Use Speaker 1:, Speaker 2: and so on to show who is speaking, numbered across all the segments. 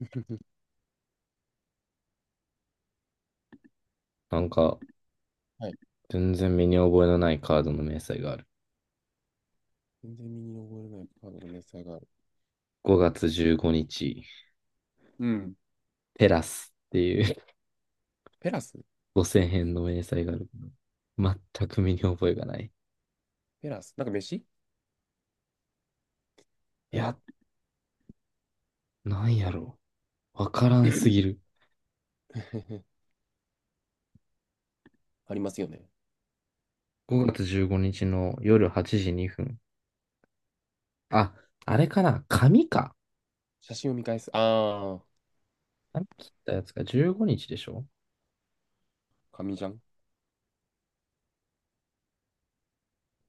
Speaker 1: なんか、
Speaker 2: はい。
Speaker 1: 全然身に覚えのないカードの明細がある。
Speaker 2: 全然身に覚えれないカードの明細がある。
Speaker 1: 5月15日、
Speaker 2: うん。
Speaker 1: テラスっていう
Speaker 2: ペラス。 う
Speaker 1: 5000
Speaker 2: ん。
Speaker 1: 円の明細があるけど、全く身に覚えがない。
Speaker 2: ペラスなんか飯、
Speaker 1: い
Speaker 2: なんやろ。
Speaker 1: や、なんやろう。わからんすぎる。
Speaker 2: ありますよね。
Speaker 1: 5月15日の夜8時2分。あ、あれかな紙か。
Speaker 2: 写真を見返す。ああ、
Speaker 1: 紙切ったやつが15日でしょ。
Speaker 2: 紙じゃん。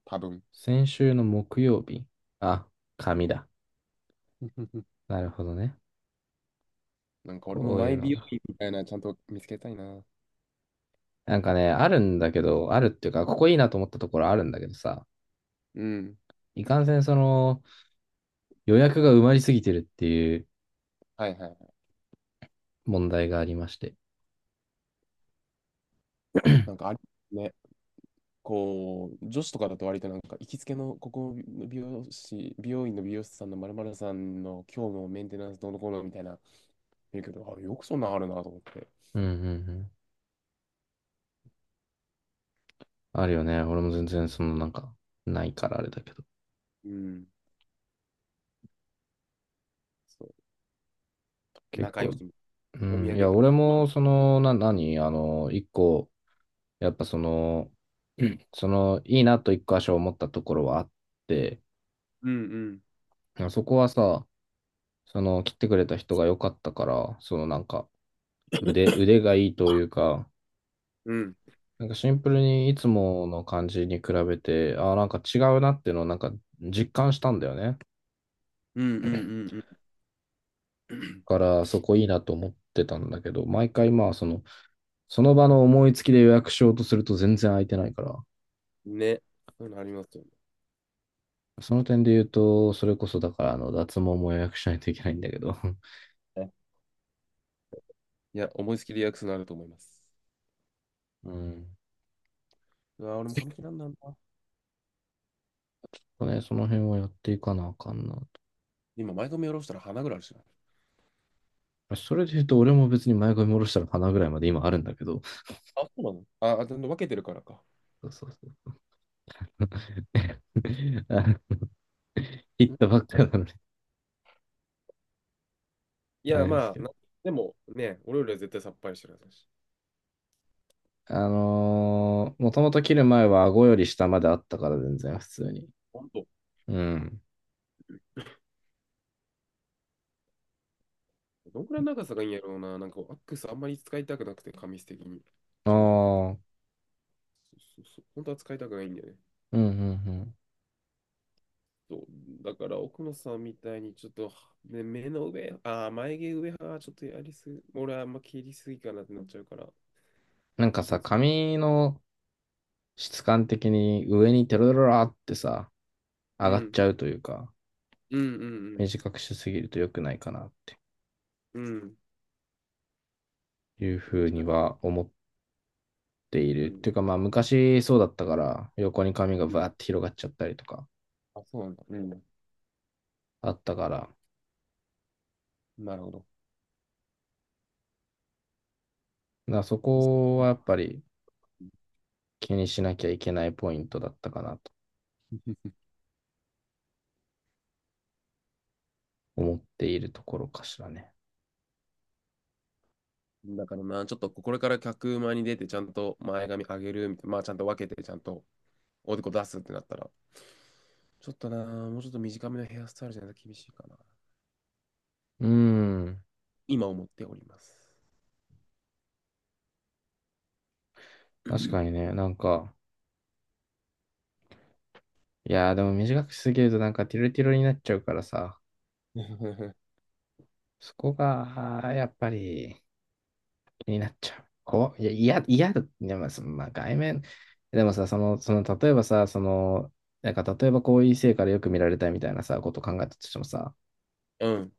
Speaker 2: 多分。
Speaker 1: 先週の木曜日。あ、紙だ。なるほどね。
Speaker 2: 俺も
Speaker 1: こう
Speaker 2: マ
Speaker 1: いう
Speaker 2: イ
Speaker 1: の
Speaker 2: 美容
Speaker 1: が。
Speaker 2: 院みたいなちゃんと見つけたいな。
Speaker 1: なんかね、あるんだけど、あるっていうか、ここいいなと思ったところあるんだけどさ、
Speaker 2: うん。
Speaker 1: いかんせん、予約が埋まりすぎてるっていう
Speaker 2: はいはい。
Speaker 1: 問題がありまして。
Speaker 2: なんかあるね。こう、女子とかだと割と行きつけのここの美容院の美容師さんのまるまるさんの今日のメンテナンスどうのこうのみたいな言うけど、あ、よくそんなんあるなと思って。
Speaker 1: うんうんうん。あるよね。俺も全然、ないからあれだけど。
Speaker 2: うん。そう。
Speaker 1: 結
Speaker 2: 仲良し、
Speaker 1: 構、う
Speaker 2: お土
Speaker 1: ん。い
Speaker 2: 産
Speaker 1: や、
Speaker 2: 持っ
Speaker 1: 俺
Speaker 2: てま
Speaker 1: も、そ
Speaker 2: す。
Speaker 1: の、な、何あの、一個、やっぱ、いいなと一箇所思ったところはあって、
Speaker 2: うんうん。
Speaker 1: そこはさ、切ってくれた人が良かったから、腕がいいというか、
Speaker 2: うん。
Speaker 1: なんかシンプルにいつもの感じに比べて、ああ、なんか違うなっていうのをなんか実感したんだよね。
Speaker 2: うんう
Speaker 1: だ
Speaker 2: んうん
Speaker 1: からそこいいなと思ってたんだけど、毎回その場の思いつきで予約しようとすると全然空いてないから、
Speaker 2: うん。ね。そういうのありますよ
Speaker 1: その点で言うと、それこそだから脱毛も予約しないといけないんだけど、
Speaker 2: ね。いや、思いつきでリアクスのあると思います。
Speaker 1: うん。
Speaker 2: うわ、俺も髪切らんなんだ。
Speaker 1: ね、その辺はやっていかなあかんな
Speaker 2: 今、前髪下ろしたら鼻ぐらいあるしな。
Speaker 1: と。それで言うと、俺も別に前髪下ろしたら鼻ぐらいまで今あるんだけど、
Speaker 2: あ、そうなの、あ、あ、でも分けてるからか。
Speaker 1: そうそうそう。あの切った
Speaker 2: ん、
Speaker 1: ばっかなのに、
Speaker 2: い
Speaker 1: あ
Speaker 2: や、
Speaker 1: れで
Speaker 2: ま
Speaker 1: す
Speaker 2: あ、
Speaker 1: けど。
Speaker 2: な、でもね、俺よりは絶対さっぱりしてるはずだし。
Speaker 1: もともと切る前は顎より下まであったから全然普通に。
Speaker 2: ほんと。
Speaker 1: うん。
Speaker 2: どんくらいの長さがいいんやろうな。アックスあんまり使いたくなくて、紙質的に。
Speaker 1: ああ、
Speaker 2: 正直。
Speaker 1: うん
Speaker 2: そうそうそう。本当は使いたくないんだよね。
Speaker 1: うんうん。
Speaker 2: そう、だから奥野さんみたいにちょっと、ね、目の上、眉毛上はちょっとやりすぎ、俺はあんま切りすぎかなってなっちゃうから、
Speaker 1: なん
Speaker 2: 難
Speaker 1: か
Speaker 2: しいん
Speaker 1: さ、
Speaker 2: ですよね。
Speaker 1: 髪の質感的に上にテロロラってさ、
Speaker 2: う
Speaker 1: 上がっ
Speaker 2: ん、
Speaker 1: ちゃうというか、
Speaker 2: うん、うん、
Speaker 1: 短くしすぎると良くないかなって
Speaker 2: うん、うん。
Speaker 1: いうふう
Speaker 2: 短
Speaker 1: に
Speaker 2: く、
Speaker 1: は思ってい
Speaker 2: う
Speaker 1: る。っ
Speaker 2: ん、
Speaker 1: ていうかまあ昔そうだったから、横に髪が
Speaker 2: うん、
Speaker 1: バーって広がっちゃったりとか
Speaker 2: あ、そうなんだ。う
Speaker 1: あったから、だか
Speaker 2: ん、なるほど。
Speaker 1: らそこはやっぱり気にしなきゃいけないポイントだったかなと 思っているところかしらね。
Speaker 2: だからな、ちょっとこれから客前に出て、ちゃんと前髪上げるみたいな、まあちゃんと分けて、ちゃんとおでこ出すってなったら、ちょっとな、もうちょっと短めのヘアスタイルじゃないと厳しいかな。
Speaker 1: うーん。
Speaker 2: 今思っております。
Speaker 1: 確かに ね、なんか、いやーでも短くしすぎるとなんかティロティロになっちゃうからさ、そこが、あーやっぱり気になっちゃう。こう、いや、嫌嫌だ。でも、そのまあ、外面、でもさ、例えばさ、なんか、例えばこういう異性からよく見られたいみたいなさ、ことを考えたとしてもさ、
Speaker 2: うん。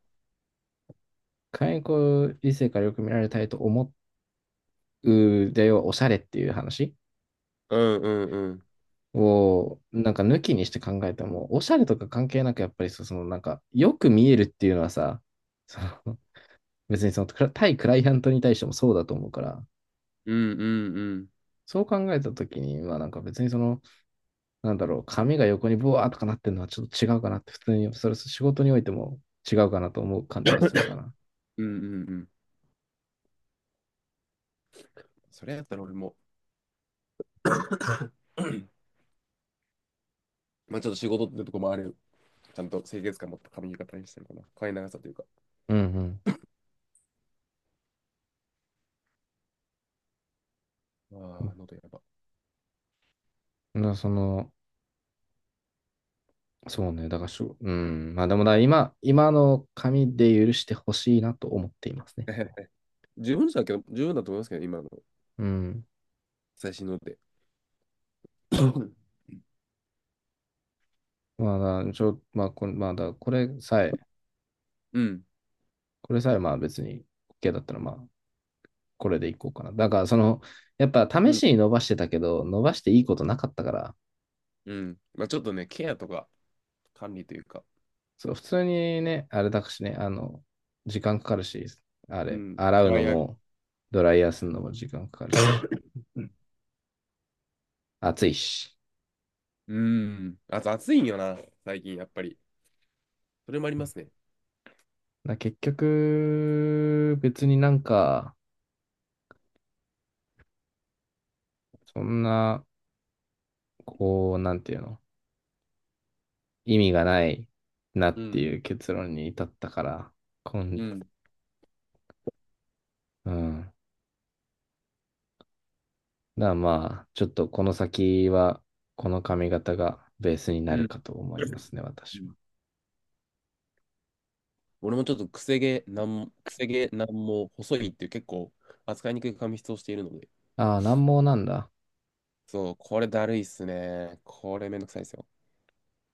Speaker 1: 仮にこういう異性からよく見られたいと思うでよ、おしゃれっていう話
Speaker 2: うんうんうん。
Speaker 1: を、なんか抜きにして考えても、おしゃれとか関係なく、やっぱりその、なんか、よく見えるっていうのはさ、その、別にその、対クライアントに対してもそうだと思うから、
Speaker 2: うんうんうん。
Speaker 1: そう考えたときに、まあなんか別になんだろう、髪が横にボワーとかなってるのはちょっと違うかなって、普通に、それ仕事においても違うかなと思う感じはするかな。
Speaker 2: うんうんうん。それやったら俺も、 まあちょっと仕事ってとこもある。ちゃんと清潔感持った髪型にしたいかな。髪長さというか。
Speaker 1: うんうん。う
Speaker 2: ああ、
Speaker 1: ん
Speaker 2: 喉やば。
Speaker 1: なそうね、だからしょ、うん、まあでもだ、今の紙で許してほしいなと思っていますね。
Speaker 2: 十分だけど、十分だと思いますけど、今の
Speaker 1: うん。
Speaker 2: 最新ので。
Speaker 1: まあ、まあ、これさえ、
Speaker 2: うん。
Speaker 1: これさえ、まあ別に OK だったら、まあ、これでいこうかな。だから、やっぱ試
Speaker 2: うん。
Speaker 1: しに伸ばしてたけど、伸ばしていいことなかったから、
Speaker 2: うん。まあちょっとね、ケアとか管理というか。
Speaker 1: そう、普通にね、あれだしね、時間かかるし、あ
Speaker 2: う
Speaker 1: れ、
Speaker 2: ん。
Speaker 1: 洗う
Speaker 2: ドラ
Speaker 1: の
Speaker 2: イヤー。
Speaker 1: も、ドライヤーするのも時間かかるし、暑いし。
Speaker 2: うん。あと暑いんよな、最近やっぱり。それもありますね。
Speaker 1: 結局、別になんか、そんな、こう、なんていうの、意味がないな
Speaker 2: う
Speaker 1: って
Speaker 2: ん。
Speaker 1: いう結論に至ったから、
Speaker 2: う
Speaker 1: 今
Speaker 2: ん。
Speaker 1: うん。だからまあ、ちょっとこの先は、この髪型がベースにな
Speaker 2: う
Speaker 1: る
Speaker 2: ん。
Speaker 1: かと思いま すね、
Speaker 2: う
Speaker 1: 私は。
Speaker 2: ん、俺もちょっとくせ毛なんも細いっていう結構扱いにくい髪質をしているので、
Speaker 1: ああ、難毛なんだ。
Speaker 2: そう、これだるいっすね。これめんどくさいですよ。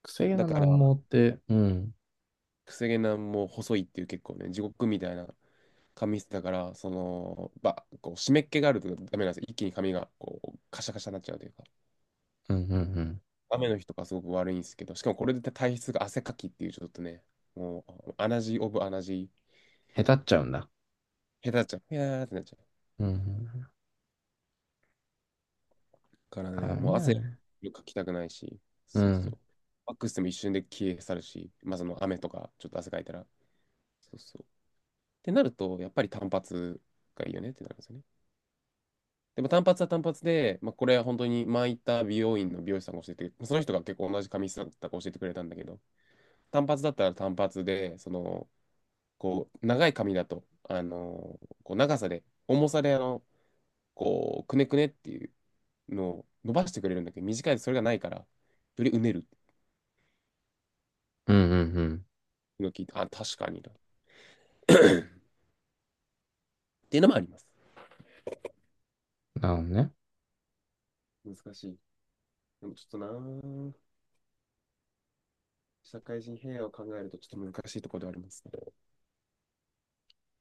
Speaker 1: 癖毛
Speaker 2: だ
Speaker 1: の
Speaker 2: か
Speaker 1: 難毛
Speaker 2: ら、
Speaker 1: って、うん、
Speaker 2: くせ毛なんも細いっていう結構ね、地獄みたいな髪質だから、こう湿っ気があるとダメなんですよ。一気に髪がこうカシャカシャになっちゃうというか、
Speaker 1: うん、うん、うん。
Speaker 2: 雨の日とかすごく悪いんですけど、しかもこれで体質が汗かきっていうちょっとね、もう、アナジーオブアナジー、
Speaker 1: へたっちゃうんだ。
Speaker 2: 下手っちゃう。いやーってなっちゃう。
Speaker 1: うん、うん。
Speaker 2: からね、もう
Speaker 1: 髪は
Speaker 2: 汗
Speaker 1: ね。
Speaker 2: かきたくないし、
Speaker 1: う
Speaker 2: そうそ
Speaker 1: ん、
Speaker 2: う。ワックスでも一瞬で消え去るし、まあその雨とかちょっと汗かいたら、そうそう。ってなると、やっぱり単発がいいよねってなるんですよね。でも単発は単発で、まあ、これは本当に前行った美容院の美容師さんが教えて、その人が結構同じ髪質だったから教えてくれたんだけど、単発だったら単発で、その、こう、長い髪だと、あのこう長さで、重さで、こう、くねくねっていうのを伸ばしてくれるんだけど、短いとそれがないから、よりうねる。
Speaker 1: うん、うん、うん。
Speaker 2: 今聞いて、あ、確かにだ、 っていうのもあります。
Speaker 1: なるほどね。
Speaker 2: 難しい。でもちょっとな、社会人平和を考えるとちょっと難しいところではありますね。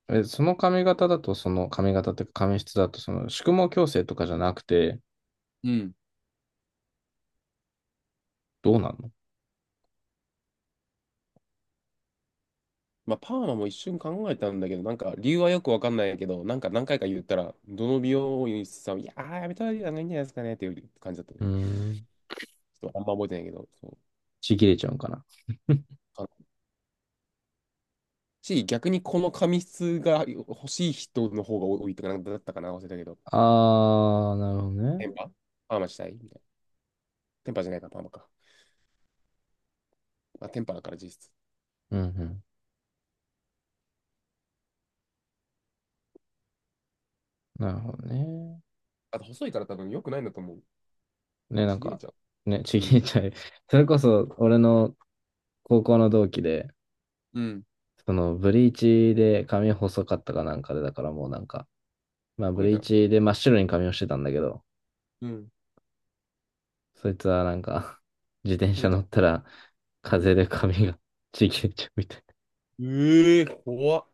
Speaker 1: え、その髪型だと、その髪型っていうか髪質だと、その宿毛矯正とかじゃなくて、
Speaker 2: うん。
Speaker 1: どうなんの。
Speaker 2: まあ、パーマも一瞬考えたんだけど、なんか理由はよくわかんないけど、なんか何回か言ったら、どの美容院さんも、いやー、やめたらいいんじゃないですかねっていう感じだった。ち
Speaker 1: うーん。
Speaker 2: ょっとあんま覚えてないけど、そう。
Speaker 1: ちぎれちゃうんかな。
Speaker 2: あのし、逆にこの髪質が欲しい人の方が多いとか、なんかだったかな、忘れたけど。
Speaker 1: ああ、なるほどね。
Speaker 2: テンパパーマしたいみたいな。テンパじゃないか、パーマか。まあ、テンパだから実質。
Speaker 1: うん、うん。なるほどね。
Speaker 2: あと細いから多分良くないんだと思う。
Speaker 1: ね、なん
Speaker 2: ちぎれ
Speaker 1: か、
Speaker 2: ちゃ
Speaker 1: ね、
Speaker 2: う。
Speaker 1: ち
Speaker 2: う
Speaker 1: ぎっ
Speaker 2: ん。
Speaker 1: ちゃい。それこそ、俺の高校の同期で、
Speaker 2: うん。
Speaker 1: ブリーチで髪細かったかなんかで、だからもうなんか、まあ、
Speaker 2: 溶
Speaker 1: ブ
Speaker 2: けち
Speaker 1: リ
Speaker 2: ゃ
Speaker 1: ー
Speaker 2: う。
Speaker 1: チで真っ白に髪をしてたんだけど、
Speaker 2: うん。
Speaker 1: そいつはなんか、自転
Speaker 2: 溶
Speaker 1: 車
Speaker 2: け
Speaker 1: 乗っ
Speaker 2: た。
Speaker 1: たら、
Speaker 2: う
Speaker 1: 風
Speaker 2: ん、
Speaker 1: で髪が ちぎれちゃうみたい
Speaker 2: ええー、怖っ。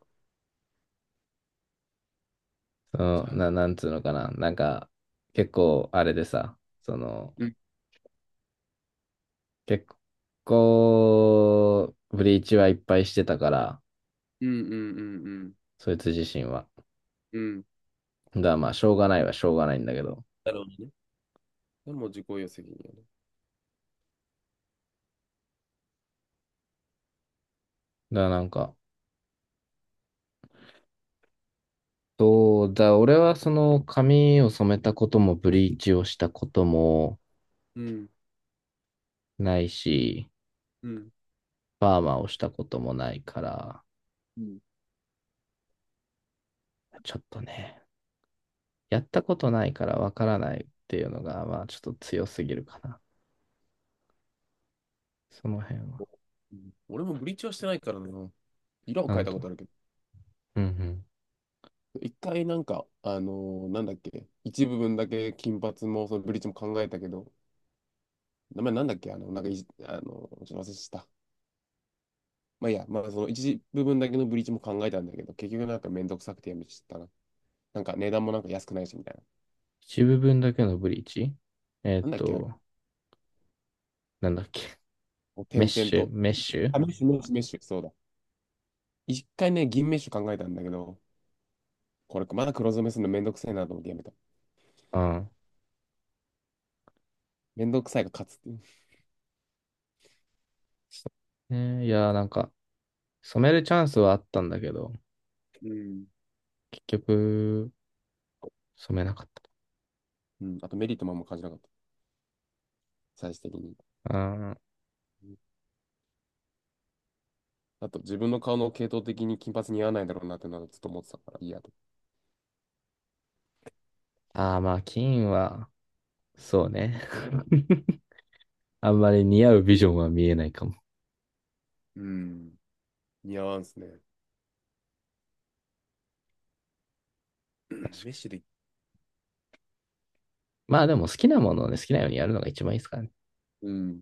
Speaker 1: な。
Speaker 2: じゃああげる。
Speaker 1: なんつうのかな。なんか、結構、あれでさ、
Speaker 2: うん
Speaker 1: 結構、ブリーチはいっぱいしてたから、
Speaker 2: うんうんうん
Speaker 1: そいつ自身は。
Speaker 2: うん。うん。
Speaker 1: が、まあ、しょうがないはしょうがないんだけど、
Speaker 2: なるほどね。でも自己責任やね。
Speaker 1: だからなんか、そうだ、俺はその髪を染めたこともブリーチをしたことも
Speaker 2: うん。
Speaker 1: ないし、
Speaker 2: うん。
Speaker 1: パーマをしたこともないから、
Speaker 2: うん。
Speaker 1: ちょっとね、やったことないからわからないっていうのが、まあちょっと強すぎるかな。その辺は。
Speaker 2: うん、俺もブリーチはしてないからな。色を
Speaker 1: な
Speaker 2: 変え
Speaker 1: ん
Speaker 2: たことあ
Speaker 1: と、
Speaker 2: るけど。
Speaker 1: うんうん。
Speaker 2: 一回なんか、なんだっけ、一部分だけ金髪もそのブリーチも考えたけど、名前なんだっけ、あの、なんかいじ、あのーちょっと忘れした。まあいいや、まあその一部分だけのブリーチも考えたんだけど、結局なんかめんどくさくてやめちゃったな。なんか値段もなんか安くないしみたいな。
Speaker 1: 一部分だけのブリーチ。えーっ
Speaker 2: なんだっけな、
Speaker 1: と、なんだっけ。
Speaker 2: こう
Speaker 1: メッ
Speaker 2: 点々
Speaker 1: シュ、
Speaker 2: と。
Speaker 1: メッシュ
Speaker 2: あ、メッシュ、そうだ。一回ね、銀メッシュ考えたんだけど、これ、まだ黒染めするのめんどくせいなと思ってやめた。
Speaker 1: うん。
Speaker 2: めんどくさいが勝つっていう。
Speaker 1: ねいやーなんか、染めるチャンスはあったんだけど、結局、染めなかった。
Speaker 2: うん。うん、あとメリットもあんま感じなかった。最終的に。
Speaker 1: うん
Speaker 2: うん、あと自分の顔の系統的に金髪似合わないだろうなってのはずっと思ってたから、いいやと。
Speaker 1: ああ、まあ、金は、そうね。あんまり似合うビジョンは見えないかも。
Speaker 2: うん。似合わんすね。
Speaker 1: 確かに。
Speaker 2: メッシュで、
Speaker 1: まあでも好きなものをね、好きなようにやるのが一番いいですからね。
Speaker 2: うん。